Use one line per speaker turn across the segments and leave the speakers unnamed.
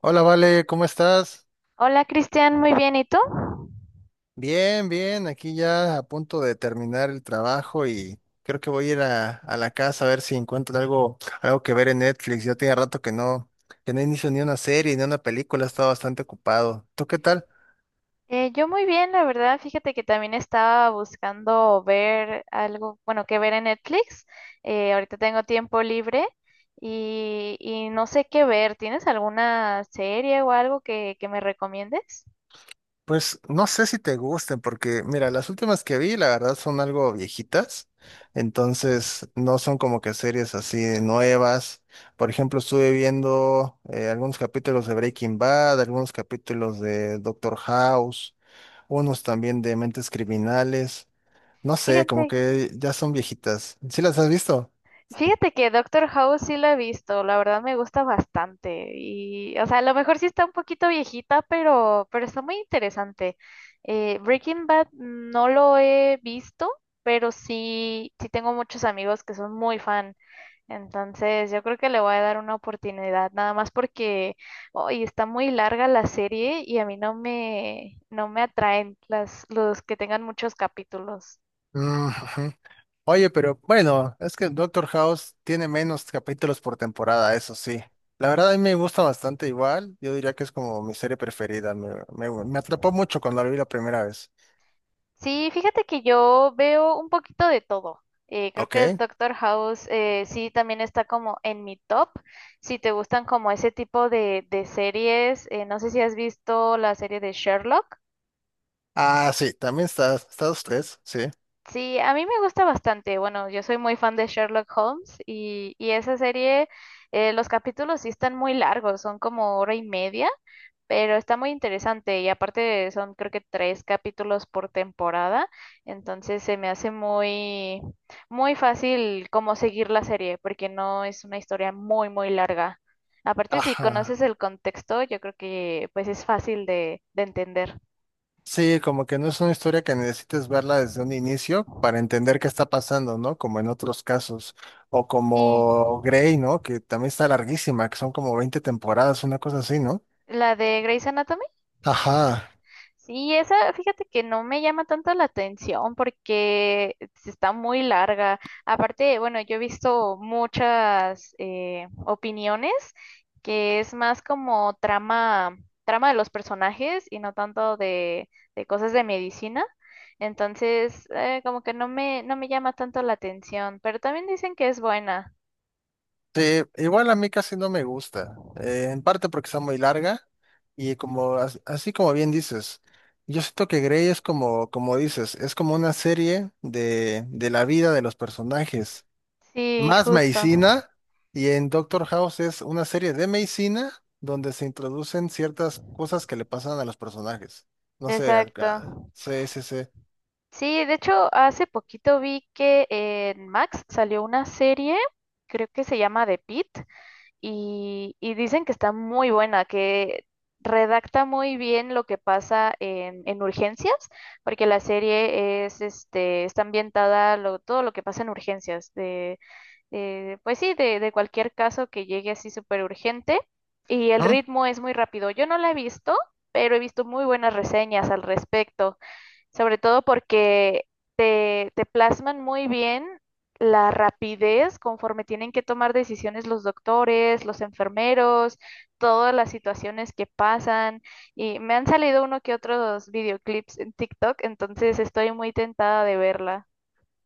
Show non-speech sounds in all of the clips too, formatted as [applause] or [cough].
Hola, Vale, ¿cómo estás?
Hola Cristian, muy bien, ¿y tú?
Bien, bien, aquí ya a punto de terminar el trabajo y creo que voy a ir a la casa a ver si encuentro algo que ver en Netflix. Ya tiene rato que no inicio ni una serie ni una película, he estado bastante ocupado. ¿Tú qué tal?
Yo muy bien, la verdad, fíjate que también estaba buscando ver algo, bueno, que ver en Netflix. Ahorita tengo tiempo libre y, no sé qué ver. ¿Tienes alguna serie o algo que me recomiendes?
Pues no sé si te gusten, porque mira, las últimas que vi, la verdad, son algo viejitas, entonces no son como que series así nuevas. Por ejemplo, estuve viendo algunos capítulos de Breaking Bad, algunos capítulos de Doctor House, unos también de Mentes Criminales. No sé,
Fíjate
como que ya son viejitas. ¿Sí las has visto?
Fíjate que Doctor House sí la he visto, la verdad me gusta bastante y, o sea, a lo mejor sí está un poquito viejita, pero está muy interesante. Breaking Bad no lo he visto, pero sí tengo muchos amigos que son muy fan, entonces yo creo que le voy a dar una oportunidad, nada más porque hoy está muy larga la serie y a mí no me atraen los que tengan muchos capítulos.
Mm, ujú. Oye, pero bueno, es que Doctor House tiene menos capítulos por temporada, eso sí. La verdad a mí me gusta bastante igual, yo diría que es como mi serie preferida, me atrapó mucho cuando la vi la primera vez.
Sí, fíjate que yo veo un poquito de todo. Creo
¿Ok?
que Doctor House sí también está como en mi top. Si te gustan como ese tipo de series, no sé si has visto la serie de Sherlock.
Ah, sí, también está, usted, sí.
Sí, a mí me gusta bastante. Bueno, yo soy muy fan de Sherlock Holmes y, esa serie, los capítulos sí están muy largos, son como hora y media. Pero está muy interesante y aparte son creo que tres capítulos por temporada, entonces se me hace muy, muy fácil como seguir la serie, porque no es una historia muy, muy larga. Aparte, si conoces
Ajá.
el contexto, yo creo que pues es fácil de entender.
Sí, como que no es una historia que necesites verla desde un inicio para entender qué está pasando, ¿no? Como en otros casos. O
Sí,
como Grey, ¿no? Que también está larguísima, que son como 20 temporadas, una cosa así, ¿no?
la de Grey's Anatomy.
Ajá.
Sí, esa, fíjate que no me llama tanto la atención porque está muy larga. Aparte, bueno, yo he visto muchas opiniones que es más como trama, trama de los personajes y no tanto de cosas de medicina. Entonces, como que no me llama tanto la atención, pero también dicen que es buena.
Sí, igual a mí casi no me gusta, en parte porque está muy larga y como así como bien dices, yo siento que Grey es como dices, es como una serie de la vida de los personajes,
Sí,
más
justo.
medicina y en Doctor House es una serie de medicina donde se introducen ciertas cosas que le pasan a los personajes. No sé,
Exacto.
sí, sí, sí.
Sí, de hecho, hace poquito vi que en Max salió una serie, creo que se llama The Pit, y, dicen que está muy buena, que redacta muy bien lo que pasa en urgencias, porque la serie es, este, está ambientada lo, todo lo que pasa en urgencias, de, pues sí, de cualquier caso que llegue así súper urgente, y el
¿Mm?
ritmo es muy rápido. Yo no la he visto, pero he visto muy buenas reseñas al respecto sobre todo porque te plasman muy bien la rapidez conforme tienen que tomar decisiones los doctores, los enfermeros, todas las situaciones que pasan. Y me han salido uno que otros videoclips en TikTok, entonces estoy muy tentada de verla.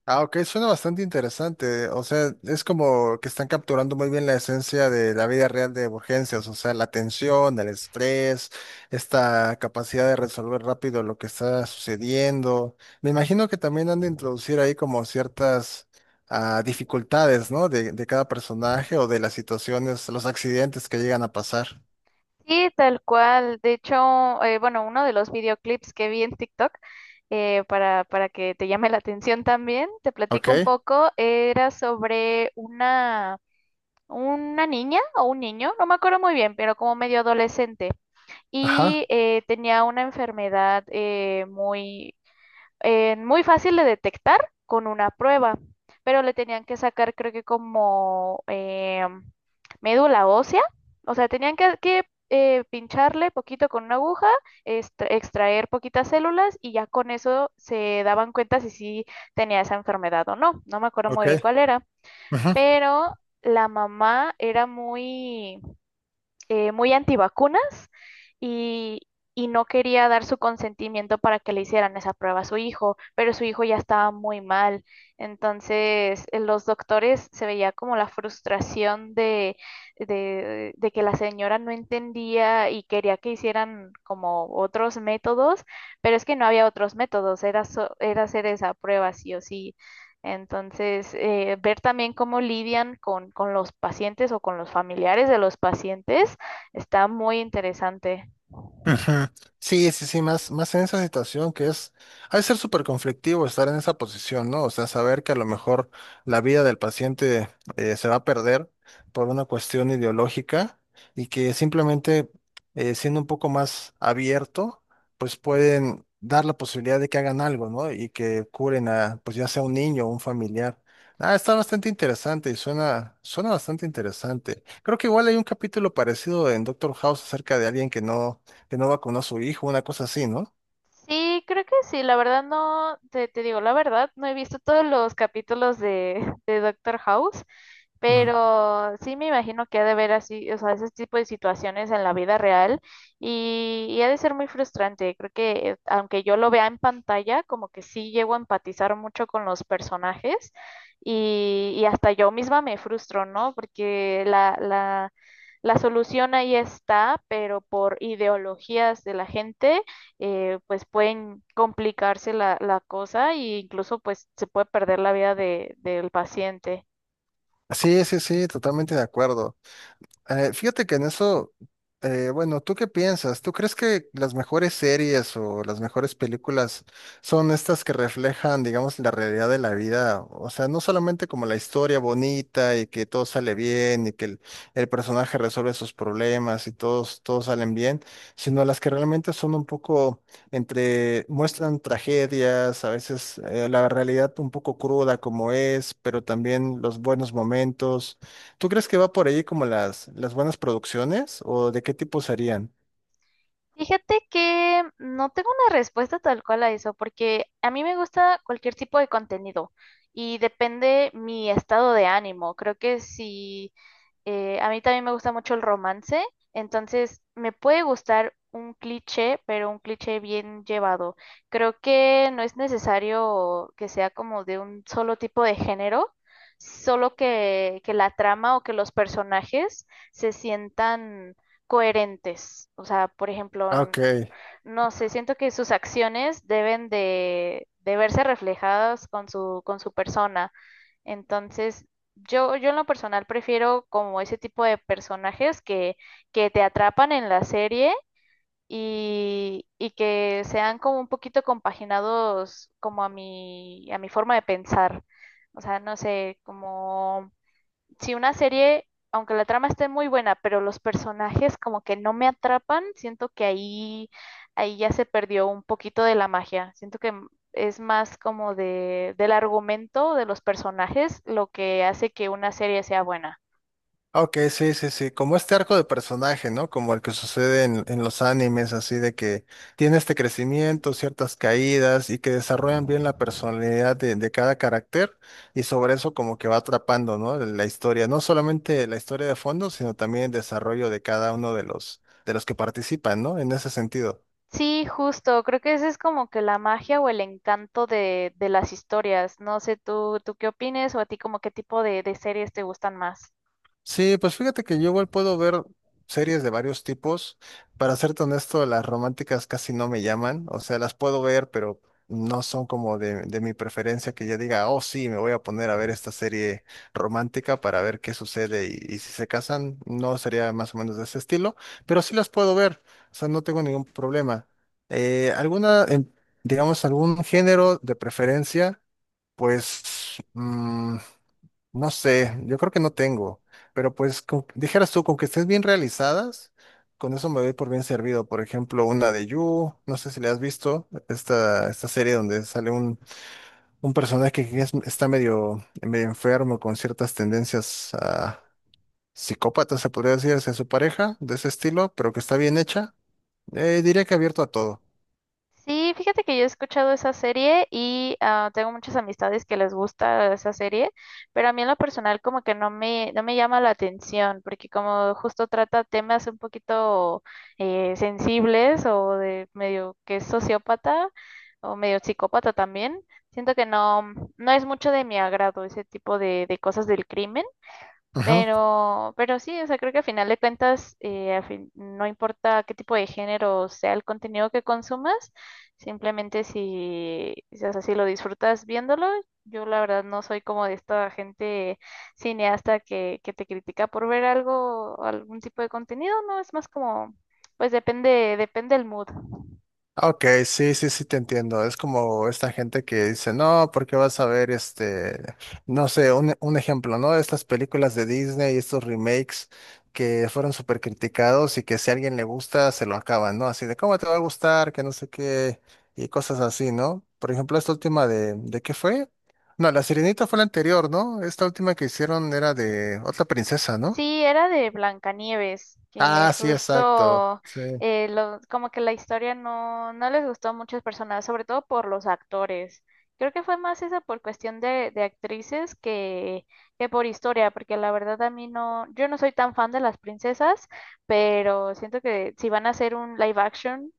Ah, ok, suena bastante interesante. O sea, es como que están capturando muy bien la esencia de la vida real de urgencias, o sea, la tensión, el estrés, esta capacidad de resolver rápido lo que está sucediendo. Me imagino que también han de introducir ahí como ciertas dificultades, ¿no? De cada personaje o de las situaciones, los accidentes que llegan a pasar.
Sí, tal cual. De hecho, bueno, uno de los videoclips que vi en TikTok, para que te llame la atención también, te
Ok,
platico un poco, era sobre una niña o un niño, no me acuerdo muy bien, pero como medio adolescente.
ajá,
Y tenía una enfermedad muy, muy fácil de detectar con una prueba, pero le tenían que sacar creo que como médula ósea, o sea, tenían que, pincharle poquito con una aguja, extraer poquitas células y ya con eso se daban cuenta si sí tenía esa enfermedad o no. No me acuerdo muy
ok.
bien cuál era, pero la mamá era muy, muy antivacunas y, no quería dar su consentimiento para que le hicieran esa prueba a su hijo, pero su hijo ya estaba muy mal. Entonces, en los doctores se veía como la frustración de, de que la señora no entendía y quería que hicieran como otros métodos, pero es que no había otros métodos, era, era hacer esa prueba sí o sí. Entonces, ver también cómo lidian con los pacientes o con los familiares de los pacientes. Está muy interesante.
Ujú. Sí, sí, sí, más en esa situación que es, ha de ser súper conflictivo estar en esa posición, ¿no? O sea, saber que a lo mejor la vida del paciente se va a perder por una cuestión ideológica y que simplemente siendo un poco más abierto, pues pueden dar la posibilidad de que hagan algo, ¿no? Y que curen a, pues ya sea un niño o un familiar. Ah, está bastante interesante y suena, suena bastante interesante. Creo que igual hay un capítulo parecido en Doctor House acerca de alguien que no vacunó a su hijo, una cosa así, ¿no?
Sí, creo que sí, la verdad no, te digo la verdad, no he visto todos los capítulos de, [laughs] de Doctor House,
Ujú.
pero sí me imagino que ha de haber así, o sea, ese tipo de situaciones en la vida real y, ha de ser muy frustrante. Creo que aunque yo lo vea en pantalla, como que sí llego a empatizar mucho con los personajes y, hasta yo misma me frustro, ¿no? Porque la solución ahí está, pero por ideologías de la gente pues pueden complicarse la cosa e incluso pues se puede perder la vida de, del paciente.
Sí, sí, sí, totalmente de acuerdo. Fíjate que en eso, bueno, ¿tú qué piensas? ¿Tú crees que las mejores series o las mejores películas son estas que reflejan, digamos, la realidad de la vida? O sea, no solamente como la historia bonita y que todo sale bien y que el personaje resuelve sus problemas y todos salen bien, sino las que realmente son un poco entre, muestran tragedias, a veces la realidad un poco cruda como es, pero también los buenos momentos. ¿Tú crees que va por ahí como las buenas producciones o de qué tipo serían?
Fíjate que no tengo una respuesta tal cual a eso, porque a mí me gusta cualquier tipo de contenido y depende mi estado de ánimo. Creo que si a mí también me gusta mucho el romance, entonces me puede gustar un cliché, pero un cliché bien llevado. Creo que no es necesario que sea como de un solo tipo de género, solo que la trama o que los personajes se sientan coherentes. O sea, por
Ah,
ejemplo,
ok.
no sé, siento que sus acciones deben de verse reflejadas con su persona. Entonces, yo en lo personal prefiero como ese tipo de personajes que te atrapan en la serie y, que sean como un poquito compaginados como a a mi forma de pensar. O sea, no sé, como si una serie, aunque la trama esté muy buena, pero los personajes como que no me atrapan, siento que ahí, ahí ya se perdió un poquito de la magia. Siento que es más como de, del argumento de los personajes lo que hace que una serie sea buena.
Ah, ok, sí, sí, sí, como este arco de personaje, ¿no? Como el que sucede en los animes, así de que tiene este crecimiento, ciertas caídas y que desarrollan bien la personalidad de cada carácter y sobre eso como que va atrapando, ¿no? La historia, no solamente la historia de fondo, sino también el desarrollo de cada uno de los que participan, ¿no? En ese sentido.
Sí, justo, creo que ese es como que la magia o el encanto de las historias. No sé, tú qué opines o a ti como qué tipo de series te gustan más.
Sí, pues fíjate que yo igual puedo ver series de varios tipos. Para serte honesto, las románticas casi no me llaman. O sea, las puedo ver, pero no son como de mi preferencia que yo diga, oh sí, me voy a poner a ver esta serie romántica para ver qué sucede y si se casan. No sería más o menos de ese estilo, pero sí las puedo ver. O sea, no tengo ningún problema. Alguna, digamos, algún género de preferencia, pues no sé, yo creo que no tengo, pero pues dijeras tú, con que estés bien realizadas, con eso me doy por bien servido. Por ejemplo, una de You, no sé si le has visto, esta serie donde sale un personaje que está medio enfermo con ciertas tendencias psicópatas, se podría decir, hacia su pareja, de ese estilo, pero que está bien hecha. Diría que abierto a todo.
Sí, fíjate que yo he escuchado esa serie y ah, tengo muchas amistades que les gusta esa serie, pero a mí en lo personal como que no me llama la atención, porque como justo trata temas un poquito sensibles o de medio que es sociópata o medio psicópata también, siento que no, no es mucho de mi agrado ese tipo de cosas del crimen. Pero sí, o sea, creo que a final de cuentas, no importa qué tipo de género sea el contenido que consumas, simplemente si, o sea, si lo disfrutas viéndolo, yo la verdad no soy como de esta gente cineasta que te critica por ver algo, algún tipo de contenido, no, es más como, pues depende, depende el mood.
Ok, sí, sí, sí te entiendo. Es como esta gente que dice, no, porque vas a ver este, no sé, un ejemplo, ¿no? Estas películas de Disney, estos remakes que fueron súper criticados y que si a alguien le gusta, se lo acaban, ¿no? Así de, ¿cómo te va a gustar? Que no sé qué, y cosas así, ¿no? Por ejemplo, esta última ¿de qué fue? No, La Sirenita fue la anterior, ¿no? Esta última que hicieron era de otra princesa, ¿no?
Sí, era de Blancanieves, que
Ah, sí, exacto.
justo
Sí.
como que la historia no, no les gustó a muchas personas, sobre todo por los actores. Creo que fue más eso por cuestión de actrices que por historia, porque la verdad a mí no, yo no soy tan fan de las princesas, pero siento que si van a hacer un live action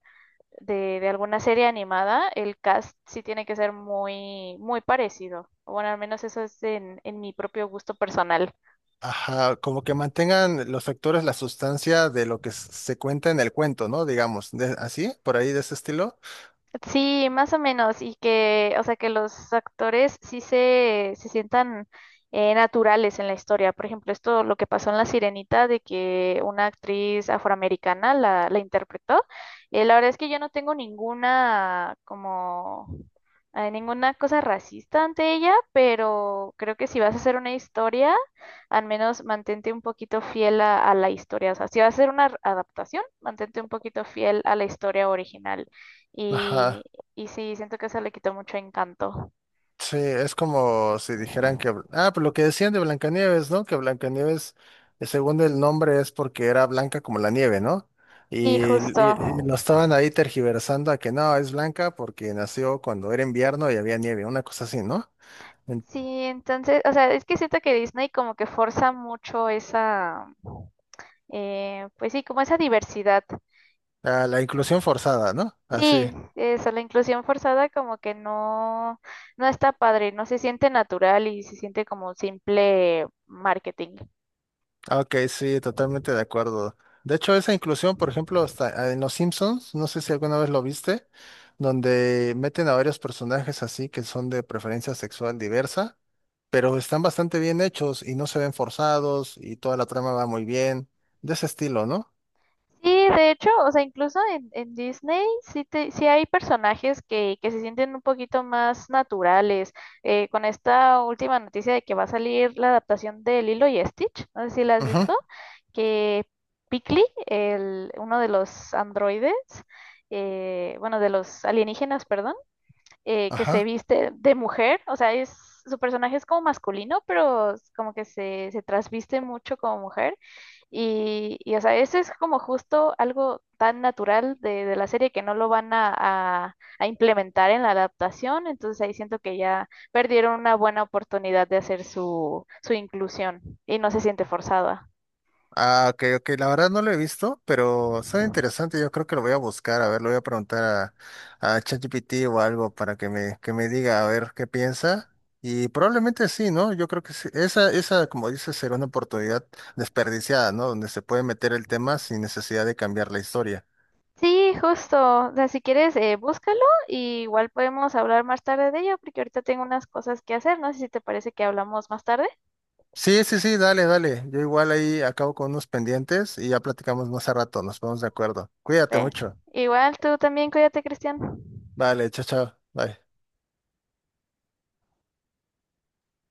de alguna serie animada, el cast sí tiene que ser muy, muy parecido. Bueno, al menos eso es en mi propio gusto personal.
Ajá, como que mantengan los actores la sustancia de lo que se cuenta en el cuento, ¿no? Digamos, así, por ahí de ese estilo.
Sí, más o menos, y que, o sea, que los actores sí se sientan naturales en la historia. Por ejemplo, esto lo que pasó en La Sirenita, de que una actriz afroamericana la interpretó. La verdad es que yo no tengo ninguna, como, ninguna cosa racista ante ella, pero creo que si vas a hacer una historia, al menos mantente un poquito fiel a la historia. O sea, si vas a hacer una adaptación, mantente un poquito fiel a la historia original. Y,
Ajá,
sí, siento que eso le quitó mucho encanto.
sí, es como si dijeran que, ah, pues lo que decían de Blancanieves, ¿no? Que Blancanieves, según el nombre, es porque era blanca como la nieve, ¿no?
Sí,
Y, y- y lo
justo.
estaban ahí tergiversando a que no, es blanca porque nació cuando era invierno y había nieve, una cosa así, ¿no? En-
Sí, entonces, o sea, es que siento que Disney como que forza mucho esa, pues sí, como esa diversidad.
la inclusión forzada, ¿no? Así.
Sí, eso, la inclusión forzada como que no, no está padre, no se siente natural y se siente como un simple marketing.
Ah, ok, sí, totalmente de acuerdo. De hecho, esa inclusión, por ejemplo, hasta en Los Simpsons, no sé si alguna vez lo viste, donde meten a varios personajes así que son de preferencia sexual diversa, pero están bastante bien hechos y no se ven forzados y toda la trama va muy bien, de ese estilo, ¿no?
Sí, de hecho, o sea, incluso en Disney sí, sí hay personajes que se sienten un poquito más naturales. Con esta última noticia de que va a salir la adaptación de Lilo y Stitch, no sé si la has
Ujú.
visto, que Piccoli, el, uno de los androides, bueno, de los alienígenas, perdón, que se
Ajá.
viste de mujer, o sea, es, su personaje es como masculino, pero como que se trasviste mucho como mujer. Y, o sea, eso es como justo algo tan natural de la serie que no lo van a, a implementar en la adaptación, entonces ahí siento que ya perdieron una buena oportunidad de hacer su, su inclusión y no se siente forzada.
Ah, ok, ok, la verdad no lo he visto, pero suena interesante, yo creo que lo voy a buscar, a ver, lo voy a preguntar a ChatGPT o algo para que me diga a ver qué piensa. Y probablemente sí, ¿no? Yo creo que sí. Esa, como dices, será una oportunidad desperdiciada, ¿no? Donde se puede meter el tema sin necesidad de cambiar la historia.
Sí, justo. O sea, si quieres, búscalo y igual podemos hablar más tarde de ello, porque ahorita tengo unas cosas que hacer. No sé si te parece que hablamos más tarde.
Sí, sí, sí, dale, dale. Yo igual ahí acabo con unos pendientes y ya platicamos más a rato, nos ponemos de acuerdo. Cuídate
Ve.
mucho.
Igual tú también, cuídate, Cristian.
Vale, chao, chao. Bye.